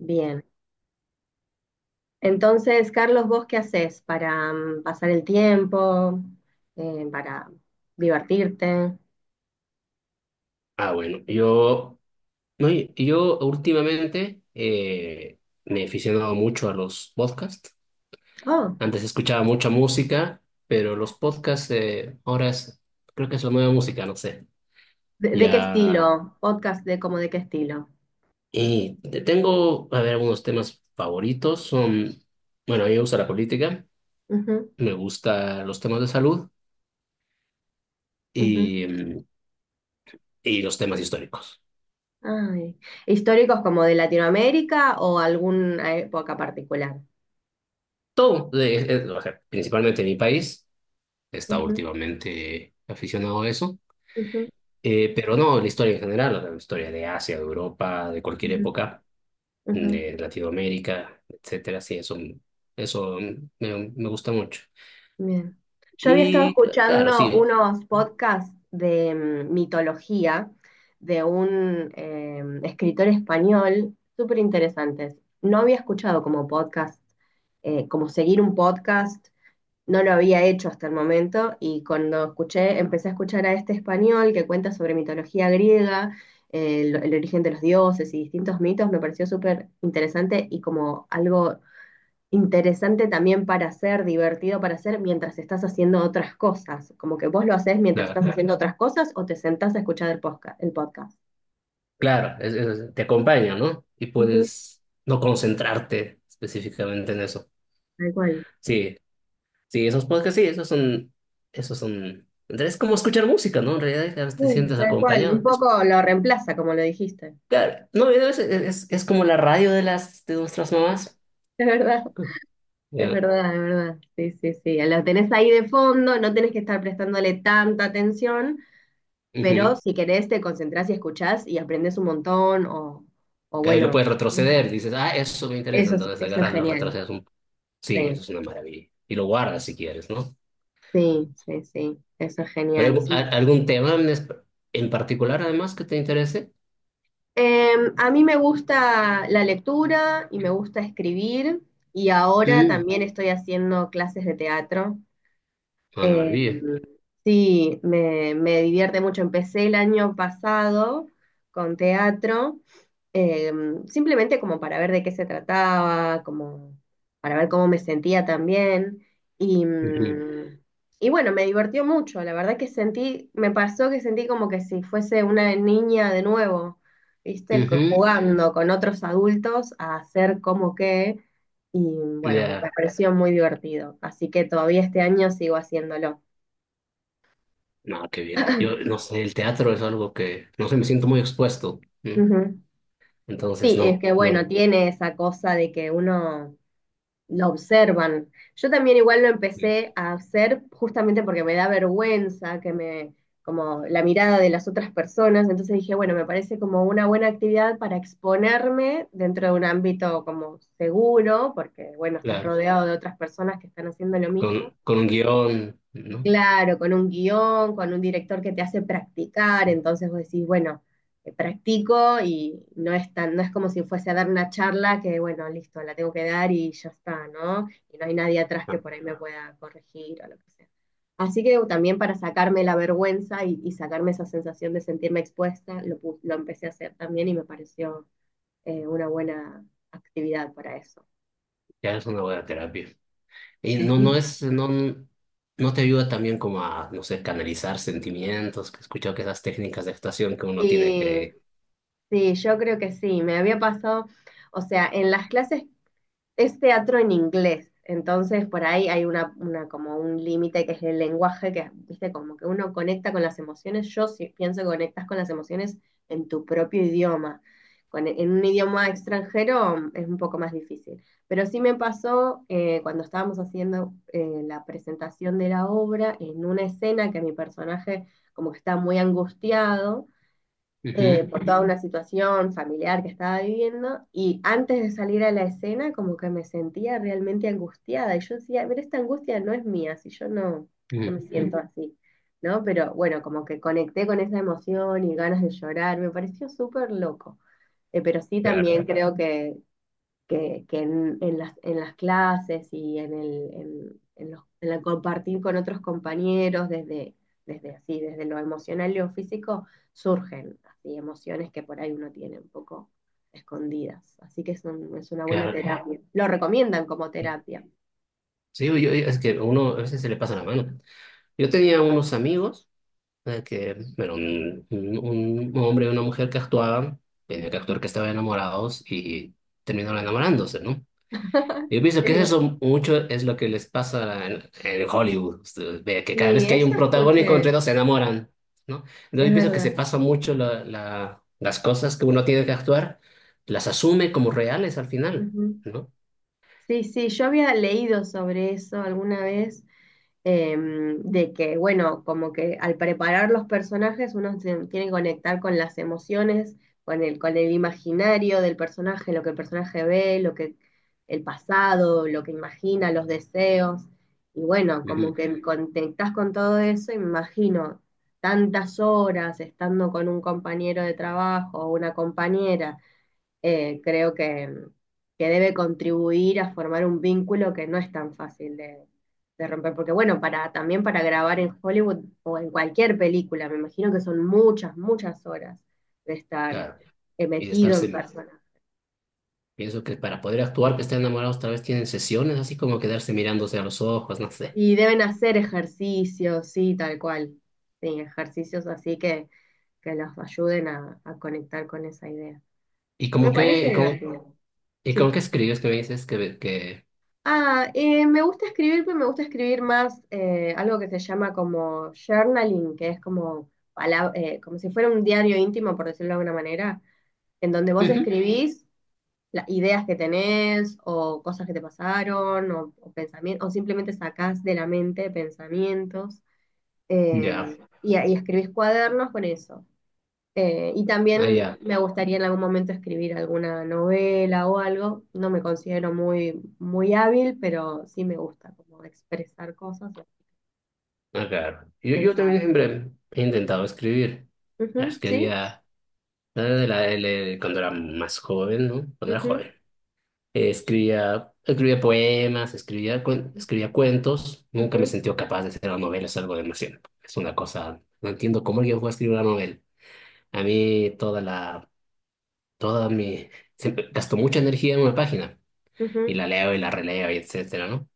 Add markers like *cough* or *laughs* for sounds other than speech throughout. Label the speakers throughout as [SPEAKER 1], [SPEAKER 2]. [SPEAKER 1] Bien. Entonces, Carlos, ¿vos qué haces para pasar el tiempo, para divertirte?
[SPEAKER 2] Ah, bueno, yo, no, yo últimamente me he aficionado mucho a los podcasts.
[SPEAKER 1] Oh,
[SPEAKER 2] Antes escuchaba mucha música, pero los podcasts creo que es la nueva música, no sé.
[SPEAKER 1] ¿De qué
[SPEAKER 2] Ya,
[SPEAKER 1] estilo? Podcast de como de qué estilo.
[SPEAKER 2] y tengo, a ver, algunos temas favoritos. Son, bueno, a mí me gusta la política,
[SPEAKER 1] Ujú,
[SPEAKER 2] me gusta los temas de salud
[SPEAKER 1] ujú.
[SPEAKER 2] y, y los temas históricos.
[SPEAKER 1] Ay. ¿Históricos como de Latinoamérica o alguna época particular?
[SPEAKER 2] Todo, o sea, principalmente mi país, está
[SPEAKER 1] Ujú,
[SPEAKER 2] últimamente aficionado a eso.
[SPEAKER 1] ujú,
[SPEAKER 2] Pero no, la historia en general, la historia de Asia, de Europa, de cualquier
[SPEAKER 1] ujú,
[SPEAKER 2] época,
[SPEAKER 1] ujú.
[SPEAKER 2] de Latinoamérica, etcétera, sí, eso, eso, me gusta mucho.
[SPEAKER 1] Bien. Yo había estado
[SPEAKER 2] Y claro,
[SPEAKER 1] escuchando
[SPEAKER 2] sí,
[SPEAKER 1] unos podcasts de mitología de un escritor español súper interesantes. No había escuchado como podcast, como seguir un podcast, no lo había hecho hasta el momento y cuando escuché, empecé a escuchar a este español que cuenta sobre mitología griega, el origen de los dioses y distintos mitos, me pareció súper interesante y como algo interesante también para hacer, divertido para hacer mientras estás haciendo otras cosas. Como que vos lo haces mientras
[SPEAKER 2] claro,
[SPEAKER 1] estás haciendo otras cosas o te sentás a escuchar el podcast, el podcast.
[SPEAKER 2] claro, te acompaña, ¿no? Y
[SPEAKER 1] Ujú,
[SPEAKER 2] puedes no concentrarte específicamente en eso.
[SPEAKER 1] tal cual.
[SPEAKER 2] Sí, sí, esos podcasts, sí, esos son, es como escuchar música, ¿no? En realidad a veces te
[SPEAKER 1] Sí,
[SPEAKER 2] sientes
[SPEAKER 1] tal cual. Un
[SPEAKER 2] acompañado. Es,
[SPEAKER 1] poco lo reemplaza, como lo dijiste.
[SPEAKER 2] claro, no, es como la radio de de nuestras mamás.
[SPEAKER 1] Es verdad, es
[SPEAKER 2] Ya,
[SPEAKER 1] verdad, es verdad. Sí, sí, sí. Lo tenés ahí de fondo, no tenés que estar prestándole tanta atención, pero
[SPEAKER 2] ujú.
[SPEAKER 1] si querés te concentrás y escuchás y aprendés un montón o
[SPEAKER 2] Que ahí lo
[SPEAKER 1] bueno,
[SPEAKER 2] puedes retroceder, dices, ah, eso me interesa,
[SPEAKER 1] eso, es-
[SPEAKER 2] entonces
[SPEAKER 1] eso es
[SPEAKER 2] agarras, lo
[SPEAKER 1] genial.
[SPEAKER 2] retrocedes un... Sí,
[SPEAKER 1] Sí.
[SPEAKER 2] eso es una maravilla. Y lo guardas si quieres, ¿no?
[SPEAKER 1] Sí, sí, sí, eso es genial.
[SPEAKER 2] Pero
[SPEAKER 1] Sí.
[SPEAKER 2] algún tema en, en particular, además, que te interese?
[SPEAKER 1] A mí me gusta la lectura y me gusta escribir y ahora
[SPEAKER 2] Mm.
[SPEAKER 1] también estoy haciendo clases de teatro.
[SPEAKER 2] Una
[SPEAKER 1] Em,
[SPEAKER 2] maravilla.
[SPEAKER 1] sí, me divierte mucho. Empecé el año pasado con teatro eh, simplemente como para ver de qué se trataba, como para ver cómo me sentía también. Y,
[SPEAKER 2] Ujú.
[SPEAKER 1] mm, y bueno, me divertió mucho. La verdad que sentí, me pasó que sentí como que si fuese una niña de nuevo, ¿viste?
[SPEAKER 2] Ujú.
[SPEAKER 1] Jugando con otros adultos a hacer como que. Y bueno, me
[SPEAKER 2] Ya.
[SPEAKER 1] pareció muy divertido. Así que todavía este año sigo haciéndolo.
[SPEAKER 2] No, qué bien. Yo no sé, el teatro es algo que, no sé, me siento muy expuesto. ¿Sí?
[SPEAKER 1] Ujú.
[SPEAKER 2] Entonces,
[SPEAKER 1] Sí, es
[SPEAKER 2] no,
[SPEAKER 1] que bueno,
[SPEAKER 2] no.
[SPEAKER 1] tiene esa cosa de que uno lo observan. Yo también igual lo
[SPEAKER 2] Mm.
[SPEAKER 1] empecé a hacer justamente porque me da vergüenza como la mirada de las otras personas, entonces dije, bueno, me parece como una buena actividad para exponerme dentro de un ámbito como seguro, porque bueno, estás
[SPEAKER 2] Claro,
[SPEAKER 1] rodeado de otras personas que están haciendo lo mismo.
[SPEAKER 2] con un guión, ¿no?
[SPEAKER 1] Claro, con un guión, con un director que te hace practicar, entonces vos decís, bueno, practico y no es como si fuese a dar una charla que, bueno, listo, la tengo que dar y ya está, ¿no? Y no hay nadie atrás que
[SPEAKER 2] Ah,
[SPEAKER 1] por ahí me pueda corregir o lo que sea. Así que también para sacarme la vergüenza y sacarme esa sensación de sentirme expuesta, lo empecé a hacer también y me pareció una buena actividad para eso.
[SPEAKER 2] ya es una buena terapia. Y no, no
[SPEAKER 1] *laughs*
[SPEAKER 2] es, no, no te ayuda también como a, no sé, canalizar sentimientos, que he escuchado que esas técnicas de actuación que uno tiene
[SPEAKER 1] Sí,
[SPEAKER 2] que...
[SPEAKER 1] sí, yo creo que sí. Me había pasado, o sea, en las clases es teatro en inglés, entonces por ahí hay una como un límite que es el lenguaje, que viste, como que uno conecta con las emociones, yo sí pienso que conectas con las emociones en tu propio idioma. En un idioma extranjero es un poco más difícil. Pero sí me pasó cuando estábamos haciendo la presentación de la obra, en una escena que mi personaje como que está muy angustiado
[SPEAKER 2] Ujú,
[SPEAKER 1] por toda una situación familiar que estaba viviendo y antes de salir a la escena como que me sentía realmente angustiada y yo decía, ver, esta angustia no es mía, si yo no, no
[SPEAKER 2] ujú,
[SPEAKER 1] me siento así, ¿no? Pero bueno, como que conecté con esa emoción y ganas de llorar, me pareció súper loco. Pero sí
[SPEAKER 2] claro,
[SPEAKER 1] también creo que en, en las clases y en el, en los- en el compartir con otros compañeros desde, así, desde lo emocional y lo físico, surgen así emociones que por ahí uno tiene un poco escondidas. Así que es una buena
[SPEAKER 2] claro.
[SPEAKER 1] terapia. Lo recomiendan como
[SPEAKER 2] Sí,
[SPEAKER 1] terapia.
[SPEAKER 2] sí, es que a uno a veces se le pasa la mano. Yo tenía unos amigos. Que era un, un hombre y una mujer que actuaban, tenía que actuar que estaban enamorados y terminaron enamorándose, ¿no? Yo pienso
[SPEAKER 1] Qué
[SPEAKER 2] que
[SPEAKER 1] divertido.
[SPEAKER 2] eso mucho es lo que les pasa en Hollywood. Ustedes ve que cada vez
[SPEAKER 1] Sí,
[SPEAKER 2] que hay
[SPEAKER 1] eso
[SPEAKER 2] un protagónico entre
[SPEAKER 1] escuché,
[SPEAKER 2] dos se enamoran, ¿no? Entonces
[SPEAKER 1] es
[SPEAKER 2] yo pienso que se
[SPEAKER 1] verdad.
[SPEAKER 2] pasa mucho la, las cosas que uno tiene que actuar, las asume como reales al final,
[SPEAKER 1] Ujú.
[SPEAKER 2] ¿no?
[SPEAKER 1] Sí, sí, yo había leído sobre eso alguna vez, de que, bueno, como que al preparar los personajes uno se tiene que conectar con las emociones, con el imaginario del personaje, lo que el personaje ve, lo que el pasado, lo que imagina, los deseos. Y bueno,
[SPEAKER 2] Ujú.
[SPEAKER 1] como que conectás con todo eso, y me imagino tantas horas estando con un compañero de trabajo o una compañera creo que debe contribuir a formar un vínculo que no es tan fácil de romper. Porque bueno, también para grabar en Hollywood o en cualquier película, me imagino que son muchas, muchas horas de estar
[SPEAKER 2] Claro, y de
[SPEAKER 1] metido en
[SPEAKER 2] estarse,
[SPEAKER 1] persona.
[SPEAKER 2] pienso que para poder actuar que estén enamorados, tal vez tienen sesiones, así como quedarse mirándose a los ojos, no sé.
[SPEAKER 1] Y deben hacer ejercicios, sí, tal cual. Sí, ejercicios así que los ayuden a conectar con esa idea.
[SPEAKER 2] ¿Y
[SPEAKER 1] Me
[SPEAKER 2] cómo que,
[SPEAKER 1] parece
[SPEAKER 2] y cómo,
[SPEAKER 1] divertido.
[SPEAKER 2] y cómo
[SPEAKER 1] Sí.
[SPEAKER 2] que escribes que me dices que
[SPEAKER 1] Ah, me gusta escribir, pero me gusta escribir más algo que se llama como journaling, que es como si fuera un diario íntimo, por decirlo de alguna manera, en donde vos
[SPEAKER 2] Ujú.
[SPEAKER 1] escribís las ideas que tenés o cosas que te pasaron o, pensamientos, o simplemente sacás de la mente pensamientos eh,
[SPEAKER 2] Ya,
[SPEAKER 1] y escribís cuadernos con eso. Y
[SPEAKER 2] ah,
[SPEAKER 1] también
[SPEAKER 2] ya,
[SPEAKER 1] me gustaría en algún momento escribir alguna novela o algo. No me considero muy, muy hábil, pero sí me gusta como expresar cosas,
[SPEAKER 2] ah, claro. Yo,
[SPEAKER 1] quién
[SPEAKER 2] yo también
[SPEAKER 1] sabe.
[SPEAKER 2] siempre he intentado escribir. Ya
[SPEAKER 1] Ujú, ¿sí?
[SPEAKER 2] escribía la de la L cuando era más joven, ¿no? Cuando era joven.
[SPEAKER 1] Ujú,
[SPEAKER 2] Escribía, escribía poemas, escribía, escribía cuentos. Nunca me
[SPEAKER 1] ujú,
[SPEAKER 2] sentí capaz de hacer una novela, es algo demasiado. Es una cosa, no entiendo cómo alguien puede escribir una novela. A mí toda la, toda mi, siempre gasto mucha energía en una página y
[SPEAKER 1] ujú.
[SPEAKER 2] la leo y la releo y etcétera, ¿no?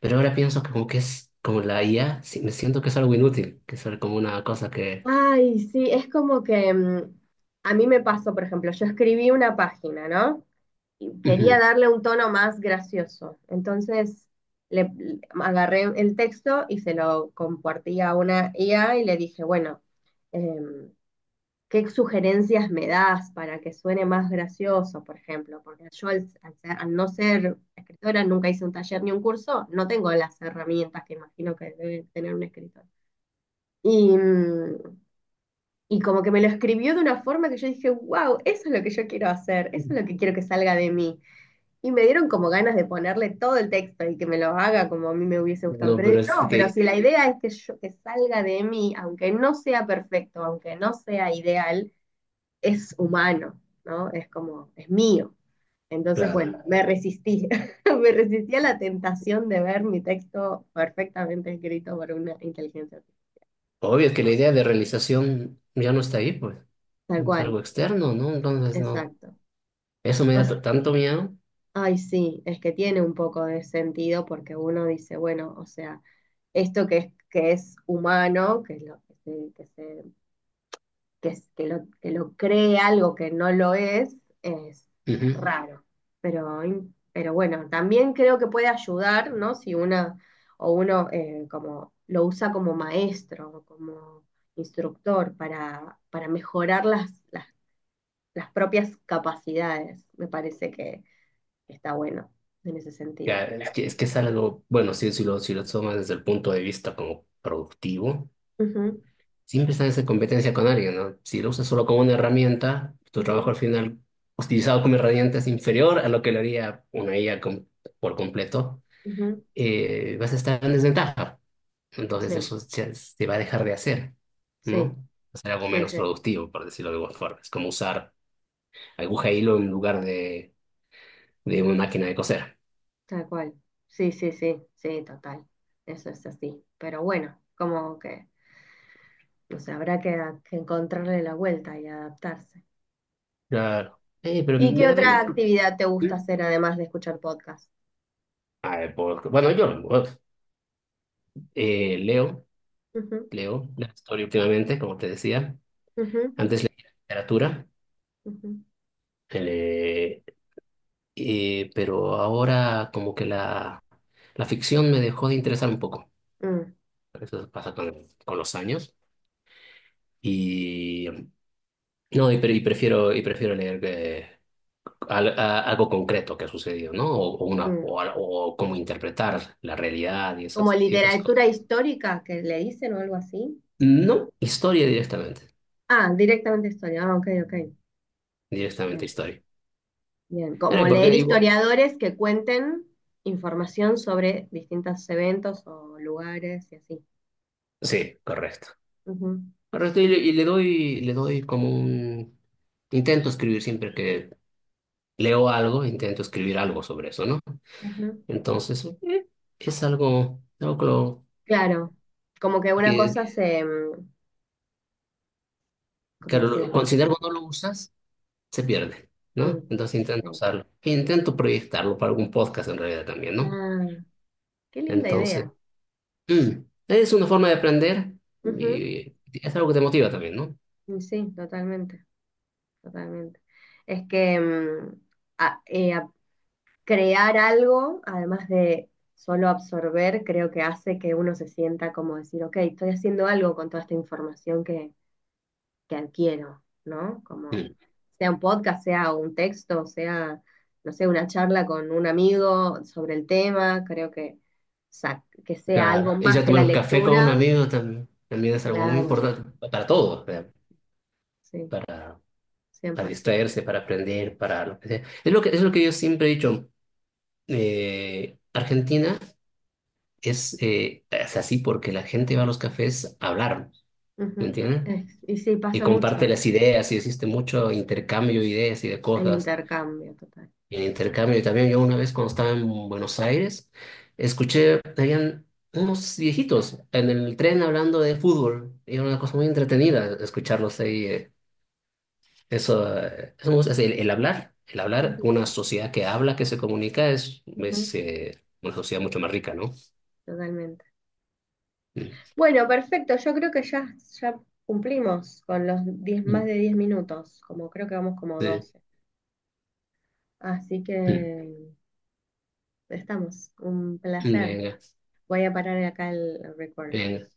[SPEAKER 2] Pero ahora pienso que como que es como la IA, sí, me siento que es algo inútil, que es como una cosa que...
[SPEAKER 1] Ay, sí, es como que a mí me pasó, por ejemplo, yo escribí una página, ¿no? Y quería
[SPEAKER 2] Ujú.
[SPEAKER 1] darle un tono más gracioso. Entonces agarré el texto y se lo compartí a una IA y le dije, bueno, em, ¿qué sugerencias me das para que suene más gracioso, por ejemplo? Porque yo al no ser escritora nunca hice un taller ni un curso, no tengo las herramientas que imagino que debe tener un escritor. Y, mm, y como que me lo escribió de una forma que yo dije, wow, eso es lo que yo quiero hacer, eso es lo que quiero que salga de mí. Y me dieron como ganas de ponerle todo el texto y que me lo haga como a mí me hubiese gustado.
[SPEAKER 2] No,
[SPEAKER 1] Pero
[SPEAKER 2] pero
[SPEAKER 1] digo,
[SPEAKER 2] es
[SPEAKER 1] no, pero
[SPEAKER 2] que,
[SPEAKER 1] si la idea es que salga de mí, aunque no sea perfecto, aunque no sea ideal, es humano, ¿no? Es como, es mío. Entonces,
[SPEAKER 2] claro,
[SPEAKER 1] bueno, me resistí, *laughs* me resistí a la tentación de ver mi texto perfectamente escrito por una inteligencia artificial.
[SPEAKER 2] obvio que la idea de realización ya no está ahí, pues.
[SPEAKER 1] Tal
[SPEAKER 2] Es
[SPEAKER 1] cual,
[SPEAKER 2] algo externo, ¿no? Entonces, no.
[SPEAKER 1] exacto.
[SPEAKER 2] Eso me
[SPEAKER 1] O
[SPEAKER 2] da tanto miedo.
[SPEAKER 1] Ay, sí, es que tiene un poco de sentido porque uno dice, bueno, o sea, esto que es humano, que lo cree algo que no lo es, es, es
[SPEAKER 2] Ujú.
[SPEAKER 1] raro. Pero bueno, también creo que puede ayudar, ¿no? Si una o uno como lo usa como maestro, o como instructor para mejorar las propias capacidades. Me parece que está bueno en ese sentido.
[SPEAKER 2] Ya, es que, es que es algo, bueno, sí, si lo, si lo tomas desde el punto de vista como productivo,
[SPEAKER 1] Ujú,
[SPEAKER 2] siempre estás en competencia con alguien, ¿no? Si lo usas solo como una herramienta, tu trabajo al
[SPEAKER 1] ujú,
[SPEAKER 2] final, utilizado como herramienta, es inferior a lo que lo haría una IA por completo,
[SPEAKER 1] ujú.
[SPEAKER 2] vas a estar en desventaja.
[SPEAKER 1] Sí,
[SPEAKER 2] Entonces eso se, se va a dejar de hacer, ¿no?
[SPEAKER 1] sí,
[SPEAKER 2] Hacer algo
[SPEAKER 1] sí,
[SPEAKER 2] menos
[SPEAKER 1] sí,
[SPEAKER 2] productivo, por decirlo de alguna forma. Es como usar aguja e hilo en lugar de una máquina de coser.
[SPEAKER 1] tal cual. Sí, sí, sí, sí, total. Eso es así. Pero bueno, como que no sé, habrá que encontrarle la vuelta y adaptarse.
[SPEAKER 2] Claro. Pero
[SPEAKER 1] ¿Y qué
[SPEAKER 2] me da
[SPEAKER 1] otra
[SPEAKER 2] menos... pro-
[SPEAKER 1] actividad te gusta
[SPEAKER 2] ¿Mm?
[SPEAKER 1] hacer además de escuchar podcast?
[SPEAKER 2] A ver, bueno, yo leo,
[SPEAKER 1] Ujú,
[SPEAKER 2] leo la historia últimamente, como te decía.
[SPEAKER 1] ujú,
[SPEAKER 2] Antes leía literatura,
[SPEAKER 1] ujú.
[SPEAKER 2] eh, pero ahora como que la ficción me dejó de interesar un poco.
[SPEAKER 1] Mm,
[SPEAKER 2] Eso pasa con los años. Y no, y, y prefiero leer algo concreto que ha sucedido, ¿no? O una,
[SPEAKER 1] mm.
[SPEAKER 2] o, o cómo interpretar la realidad
[SPEAKER 1] Como
[SPEAKER 2] y esas cosas.
[SPEAKER 1] literatura histórica que le dicen o algo así.
[SPEAKER 2] No, historia directamente.
[SPEAKER 1] Ah, directamente historia. Ah, ok, ok.
[SPEAKER 2] Directamente
[SPEAKER 1] Bien,
[SPEAKER 2] historia.
[SPEAKER 1] bien, como leer
[SPEAKER 2] Porque igual.
[SPEAKER 1] historiadores que cuenten información sobre distintos eventos o lugares y así.
[SPEAKER 2] Sí, correcto.
[SPEAKER 1] Ujú,
[SPEAKER 2] Correcto, y le doy como un... Intento escribir siempre que leo algo, intento escribir algo sobre eso, ¿no?
[SPEAKER 1] ujú.
[SPEAKER 2] Entonces, es algo, algo que,
[SPEAKER 1] Claro, como que una
[SPEAKER 2] que,
[SPEAKER 1] cosa se, ¿cómo
[SPEAKER 2] claro,
[SPEAKER 1] decirlo?
[SPEAKER 2] considero cuando lo usas, se pierde, ¿no?
[SPEAKER 1] Sí,
[SPEAKER 2] Entonces
[SPEAKER 1] sí.
[SPEAKER 2] intento usarlo. E intento proyectarlo para algún podcast en realidad también, ¿no?
[SPEAKER 1] Ah, qué linda
[SPEAKER 2] Entonces,
[SPEAKER 1] idea.
[SPEAKER 2] mm, es una forma de aprender
[SPEAKER 1] Ujú,
[SPEAKER 2] y es algo que te motiva también, ¿no?
[SPEAKER 1] y sí, totalmente, totalmente. Es que a- eh, a- crear algo, además de solo absorber, creo que hace que uno se sienta como decir, ok, estoy haciendo algo con toda esta información que adquiero, ¿no? Como
[SPEAKER 2] Mm,
[SPEAKER 1] sea un podcast, sea un texto, sea, no sé, una charla con un amigo sobre el tema, creo que, que sea
[SPEAKER 2] claro.
[SPEAKER 1] algo
[SPEAKER 2] Y
[SPEAKER 1] más
[SPEAKER 2] ya
[SPEAKER 1] que la
[SPEAKER 2] tomar un café con un
[SPEAKER 1] lectura.
[SPEAKER 2] amigo también, también es algo muy
[SPEAKER 1] Claro,
[SPEAKER 2] importante para todo
[SPEAKER 1] sí, sí,
[SPEAKER 2] para, para
[SPEAKER 1] 100%.
[SPEAKER 2] distraerse, para aprender, para lo que sea. Es lo que yo siempre he dicho. Argentina es así porque la gente va a los cafés a hablar, ¿me
[SPEAKER 1] Ujú.
[SPEAKER 2] entiendes?
[SPEAKER 1] Y sí,
[SPEAKER 2] Y
[SPEAKER 1] pasa mucho
[SPEAKER 2] comparte
[SPEAKER 1] eso,
[SPEAKER 2] las ideas y existe mucho intercambio de ideas y de
[SPEAKER 1] el
[SPEAKER 2] cosas.
[SPEAKER 1] intercambio total.
[SPEAKER 2] Y el intercambio, y también yo una vez cuando estaba en Buenos Aires, escuché, habían unos viejitos en el tren hablando de fútbol. Y era una cosa muy entretenida escucharlos ahí. Eso, eso me gusta, es el hablar,
[SPEAKER 1] Ujú,
[SPEAKER 2] una sociedad que habla, que se comunica, es
[SPEAKER 1] ujú,
[SPEAKER 2] una sociedad mucho más rica, ¿no?
[SPEAKER 1] totalmente.
[SPEAKER 2] Mm.
[SPEAKER 1] Bueno, perfecto, yo creo que ya cumplimos con los 10 más
[SPEAKER 2] Mm.
[SPEAKER 1] de 10 minutos, como creo que vamos como
[SPEAKER 2] Sí.
[SPEAKER 1] 12. Así
[SPEAKER 2] Mm. Mm,
[SPEAKER 1] que estamos. Un placer.
[SPEAKER 2] venga,
[SPEAKER 1] Voy a parar acá el recording.
[SPEAKER 2] venga.